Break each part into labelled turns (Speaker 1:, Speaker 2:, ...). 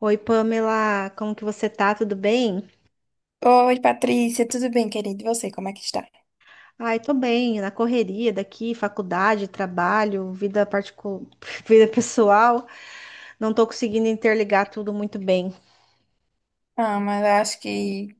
Speaker 1: Oi, Pamela, como que você tá? Tudo bem?
Speaker 2: Oi, Patrícia, tudo bem, querido? E você, como é que está?
Speaker 1: Ai, tô bem, na correria daqui, faculdade, trabalho, vida particular, vida pessoal, não tô conseguindo interligar tudo muito bem.
Speaker 2: Ah, mas eu acho que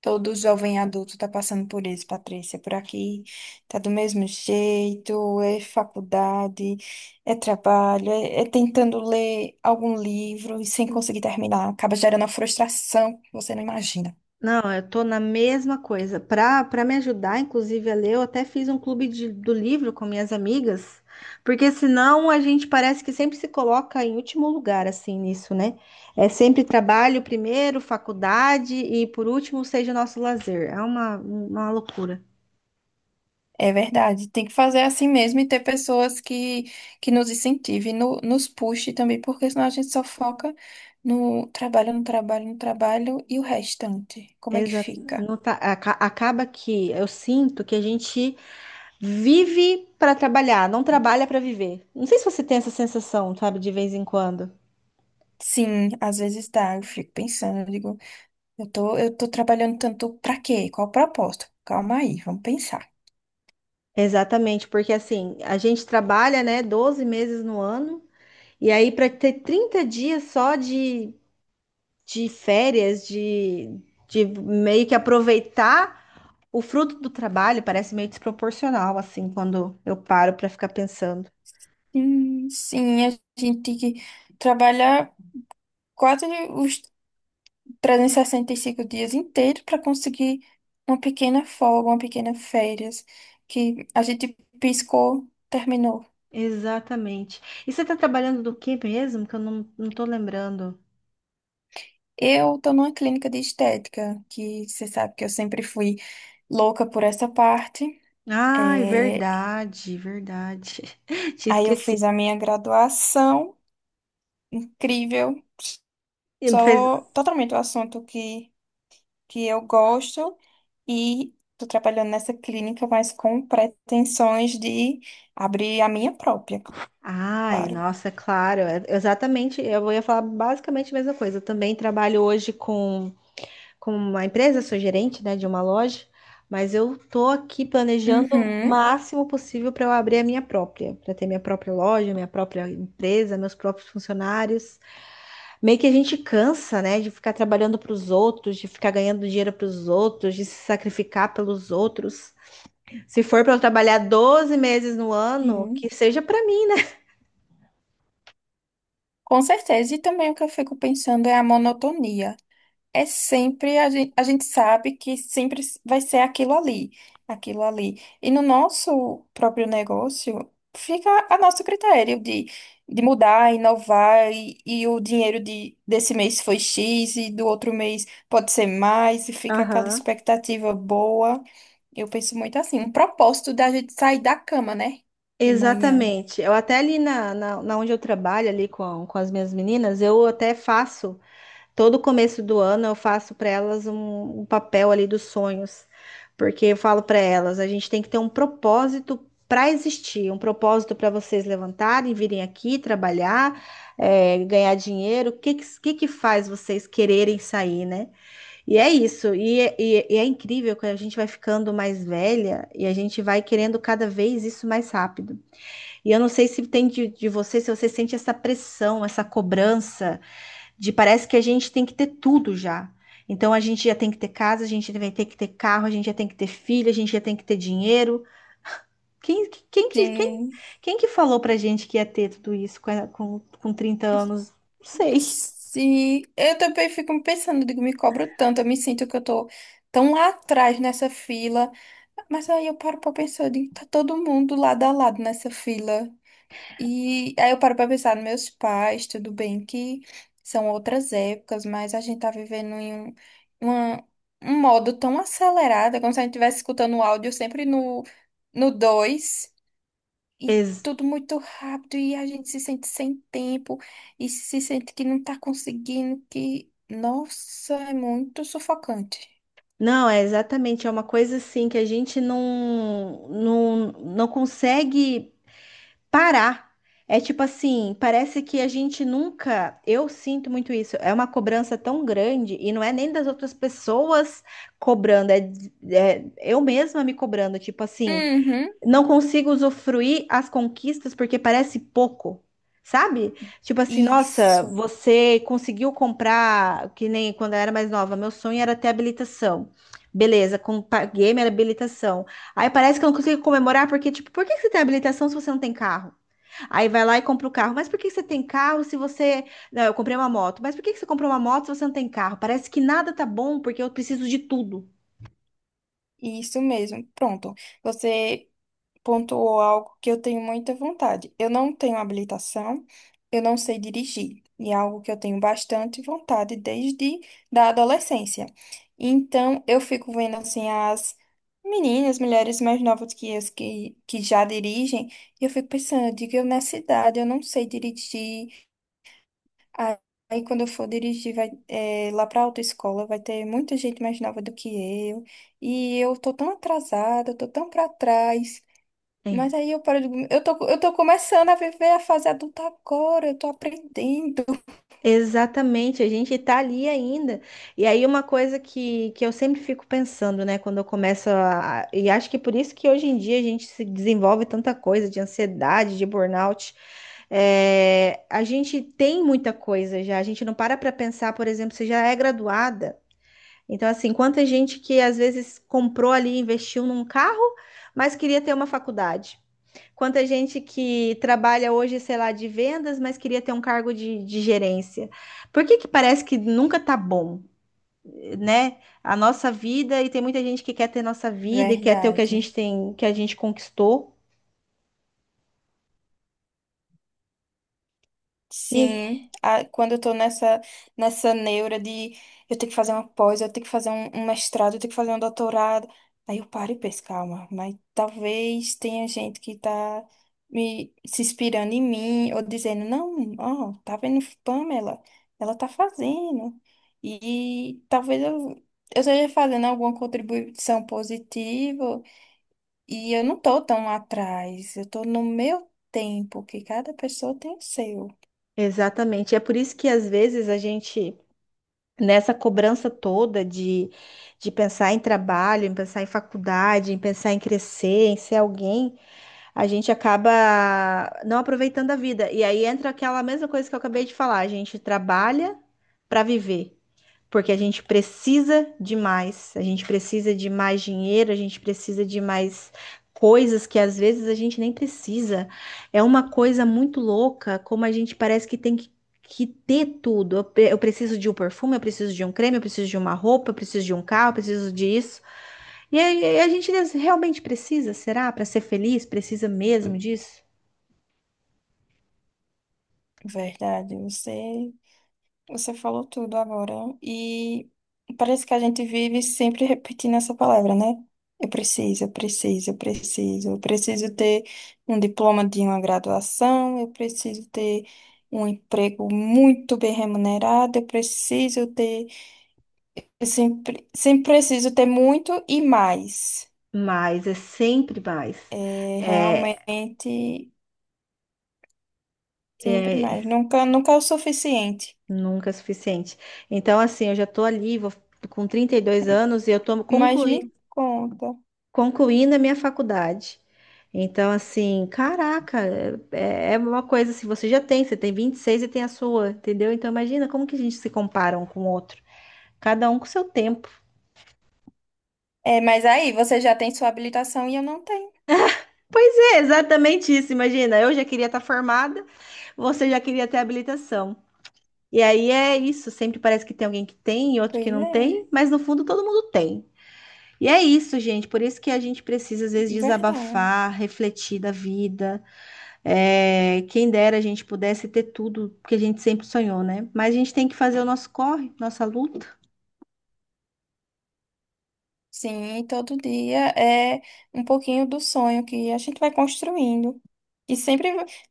Speaker 2: todo jovem adulto está passando por isso, Patrícia. Por aqui tá do mesmo jeito, é faculdade, é trabalho, é tentando ler algum livro e sem conseguir terminar. Acaba gerando uma frustração que você não imagina.
Speaker 1: Não, eu tô na mesma coisa. Pra me ajudar, inclusive, a ler, eu até fiz um clube do livro com minhas amigas, porque senão a gente parece que sempre se coloca em último lugar, assim, nisso, né? É sempre trabalho primeiro, faculdade e por último seja o nosso lazer. É uma loucura.
Speaker 2: É verdade, tem que fazer assim mesmo e ter pessoas que nos incentivem, nos puxe também, porque senão a gente só foca no trabalho, no trabalho, no trabalho e o restante. Como é que
Speaker 1: Exato.
Speaker 2: fica?
Speaker 1: Não tá- aca- Acaba que eu sinto que a gente vive para trabalhar, não trabalha para viver. Não sei se você tem essa sensação, sabe, de vez em quando.
Speaker 2: Sim, às vezes dá, eu fico pensando, eu digo, eu tô trabalhando tanto pra quê? Qual o propósito? Calma aí, vamos pensar.
Speaker 1: Exatamente, porque assim, a gente trabalha, né, 12 meses no ano, e aí para ter 30 dias só de férias, de meio que aproveitar o fruto do trabalho, parece meio desproporcional, assim, quando eu paro para ficar pensando.
Speaker 2: Sim, a gente tem que trabalhar quase os 365 dias inteiros para conseguir uma pequena folga, uma pequena férias, que a gente piscou, terminou.
Speaker 1: Exatamente. E você está trabalhando do que mesmo? Que eu não tô lembrando.
Speaker 2: Eu tô numa clínica de estética, que você sabe que eu sempre fui louca por essa parte.
Speaker 1: Ai,
Speaker 2: É.
Speaker 1: verdade, verdade. Tinha
Speaker 2: Aí eu fiz a
Speaker 1: esquecido.
Speaker 2: minha graduação, incrível,
Speaker 1: E não fez-
Speaker 2: só totalmente o assunto que eu gosto e tô trabalhando nessa clínica, mas com pretensões de abrir a minha própria,
Speaker 1: Ai,
Speaker 2: claro.
Speaker 1: nossa, é claro. Exatamente. Eu ia falar basicamente a mesma coisa. Eu também trabalho hoje com uma empresa, sou gerente, né, de uma loja, mas eu tô aqui planejando o
Speaker 2: Uhum.
Speaker 1: máximo possível para eu abrir a minha própria, para ter minha própria loja, minha própria empresa, meus próprios funcionários. Meio que a gente cansa, né, de ficar trabalhando para os outros, de ficar ganhando dinheiro para os outros, de se sacrificar pelos outros. Se for para eu trabalhar 12 meses no ano,
Speaker 2: Sim,
Speaker 1: que seja para mim.
Speaker 2: com certeza. E também o que eu fico pensando é a monotonia. É sempre, a gente sabe que sempre vai ser aquilo ali, aquilo ali. E no nosso próprio negócio, fica a nosso critério de mudar, inovar, e o dinheiro de, desse mês foi X, e do outro mês pode ser mais, e fica aquela
Speaker 1: Aham.
Speaker 2: expectativa boa. Eu penso muito assim, um propósito da gente sair da cama, né? De manhã.
Speaker 1: Exatamente. Eu até ali na onde eu trabalho, ali com as minhas meninas, eu até faço. Todo começo do ano eu faço para elas um papel ali dos sonhos, porque eu falo para elas, a gente tem que ter um propósito para existir, um propósito para vocês levantarem, virem aqui trabalhar, ganhar dinheiro. O que faz vocês quererem sair, né? E é isso. E é incrível que a gente vai ficando mais velha e a gente vai querendo cada vez isso mais rápido. E eu não sei se de você, se você sente essa pressão, essa cobrança. De parece que a gente tem que ter tudo já. Então a gente já tem que ter casa, a gente vai ter que ter carro, a gente já tem que ter filho, a gente já tem que ter dinheiro. Quem, quem, que- quem,
Speaker 2: Sim.
Speaker 1: quem que falou pra gente que ia ter tudo isso com 30 anos? Não sei.
Speaker 2: Se eu também fico pensando, digo, me cobro tanto, eu me sinto que eu tô tão lá atrás nessa fila, mas aí eu paro pra pensar, eu digo, tá todo mundo lado a lado nessa fila. E aí eu paro pra pensar nos meus pais, tudo bem que são outras épocas, mas a gente tá vivendo em um, uma- um modo tão acelerado, é como se a gente estivesse escutando o áudio sempre no 2 e
Speaker 1: Ex-
Speaker 2: tudo muito rápido e a gente se sente sem tempo e se sente que não tá conseguindo, que, nossa, é muito sufocante.
Speaker 1: não, é exatamente, é uma coisa assim que a gente não consegue parar. É tipo assim, parece que a gente nunca. Eu sinto muito isso. É uma cobrança tão grande e não é nem das outras pessoas cobrando, é eu mesma me cobrando. Tipo assim,
Speaker 2: Uhum,
Speaker 1: não consigo usufruir as conquistas porque parece pouco. Sabe? Tipo assim, nossa,
Speaker 2: isso,
Speaker 1: você conseguiu comprar, que nem quando eu era mais nova, meu sonho era ter habilitação. Beleza, paguei minha habilitação. Aí parece que eu não consigo comemorar, porque, tipo, por que que você tem habilitação se você não tem carro? Aí vai lá e compra o carro. Mas por que que você tem carro se você. Não, eu comprei uma moto. Mas por que que você comprou uma moto se você não tem carro? Parece que nada tá bom porque eu preciso de tudo.
Speaker 2: isso mesmo. Pronto. Você pontuou algo que eu tenho muita vontade. Eu não tenho habilitação, eu não sei dirigir, e é algo que eu tenho bastante vontade desde da adolescência. Então, eu fico vendo assim as meninas, mulheres mais novas que as que já dirigem, e eu fico pensando, eu digo, eu nessa idade, eu não sei dirigir. Aí aí quando eu for dirigir vai, lá para autoescola, vai ter muita gente mais nova do que eu. E eu tô tão atrasada, eu tô tão para trás. Mas
Speaker 1: É.
Speaker 2: aí eu paro de... eu tô começando a viver a fase adulta agora, eu tô aprendendo.
Speaker 1: Exatamente, a gente tá ali ainda. E aí, uma coisa que eu sempre fico pensando, né, quando eu começo a. E acho que é por isso que hoje em dia a gente se desenvolve tanta coisa de ansiedade, de burnout. É, a gente tem muita coisa já, a gente não para para pensar, por exemplo, você já é graduada. Então, assim, quanta gente que às vezes comprou ali, investiu num carro, mas queria ter uma faculdade. Quanta gente que trabalha hoje, sei lá, de vendas, mas queria ter um cargo de gerência. Por que que parece que nunca tá bom, né? A nossa vida, e tem muita gente que quer ter nossa vida e quer ter o que a
Speaker 2: Verdade.
Speaker 1: gente tem, que a gente conquistou. E
Speaker 2: Sim, a- quando eu tô nessa, nessa neura de eu tenho que fazer uma pós, eu tenho que fazer um mestrado, eu tenho que fazer um doutorado. Aí eu paro e penso, calma, mas talvez tenha gente que tá me se inspirando em mim, ou dizendo, não, ó, tá vendo Pamela? Ela tá fazendo. E talvez eu esteja fazendo alguma contribuição positiva, e eu não tô tão atrás, eu tô no meu tempo, que cada pessoa tem o seu.
Speaker 1: exatamente. É por isso que às vezes a gente nessa cobrança toda de pensar em trabalho, em pensar em faculdade, em pensar em crescer, em ser alguém, a gente acaba não aproveitando a vida. E aí entra aquela mesma coisa que eu acabei de falar, a gente trabalha para viver porque a gente precisa de mais, a gente precisa de mais dinheiro, a gente precisa de mais coisas que às vezes a gente nem precisa. É uma coisa muito louca, como a gente parece que tem que ter tudo. Eu preciso de um perfume, eu preciso de um creme, eu preciso de uma roupa, eu preciso de um carro, eu preciso disso. E aí, a gente realmente precisa, será? Para ser feliz, precisa mesmo disso?
Speaker 2: Verdade, você falou tudo agora. E parece que a gente vive sempre repetindo essa palavra, né? Eu preciso, eu preciso, eu preciso. Eu preciso ter um diploma de uma graduação, eu preciso ter um emprego muito bem remunerado, eu preciso ter. Eu sempre, sempre preciso ter muito e mais.
Speaker 1: Mas é sempre mais.
Speaker 2: É,
Speaker 1: É,
Speaker 2: realmente, sempre
Speaker 1: é,
Speaker 2: mais. Nunca, nunca é o suficiente.
Speaker 1: Nunca é suficiente. Então, assim, eu já estou ali, vou, com 32 anos, e eu estou
Speaker 2: Mas me conta.
Speaker 1: concluindo a minha faculdade. Então, assim, caraca, é uma coisa assim, você já tem, você tem 26 e seis e tem a sua, entendeu? Então, imagina como que a gente se compara um com o outro, cada um com seu tempo.
Speaker 2: É, mas aí você já tem sua habilitação e eu não tenho.
Speaker 1: Pois é, exatamente isso, imagina, eu já queria estar formada, você já queria ter habilitação. E aí é isso, sempre parece que tem alguém que tem e outro que
Speaker 2: Pois
Speaker 1: não
Speaker 2: é,
Speaker 1: tem, mas no fundo todo mundo tem. E é isso, gente. Por isso que a gente precisa, às vezes,
Speaker 2: verdade.
Speaker 1: desabafar, refletir da vida. É, quem dera a gente pudesse ter tudo que a gente sempre sonhou, né? Mas a gente tem que fazer o nosso corre, nossa luta.
Speaker 2: Sim, e todo dia é um pouquinho do sonho que a gente vai construindo. E sempre,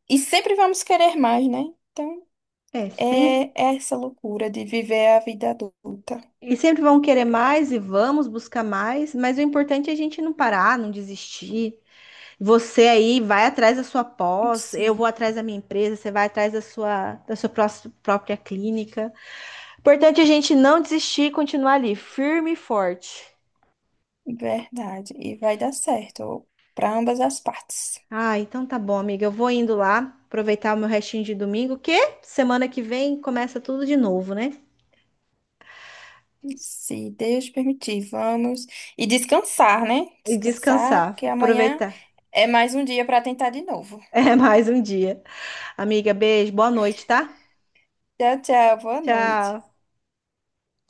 Speaker 2: e sempre vamos querer mais, né? Então,
Speaker 1: É,
Speaker 2: é
Speaker 1: sem…
Speaker 2: é essa loucura de viver a vida adulta.
Speaker 1: E sempre vão querer mais e vamos buscar mais, mas o importante é a gente não parar, não desistir. Você aí vai atrás da sua pós, eu vou
Speaker 2: Sim,
Speaker 1: atrás da minha empresa, você vai atrás da sua, própria clínica. O importante é a gente não desistir e continuar ali, firme e forte.
Speaker 2: verdade. E vai dar certo para ambas as partes.
Speaker 1: Ah, então tá bom, amiga. Eu vou indo lá, aproveitar o meu restinho de domingo, que semana que vem começa tudo de novo, né?
Speaker 2: Se Deus permitir, vamos. E descansar, né?
Speaker 1: E
Speaker 2: Descansar,
Speaker 1: descansar,
Speaker 2: porque amanhã
Speaker 1: aproveitar.
Speaker 2: é mais um dia para tentar de novo.
Speaker 1: É mais um dia. Amiga, beijo, boa noite, tá?
Speaker 2: Tchau, tchau. Boa noite.
Speaker 1: Tchau.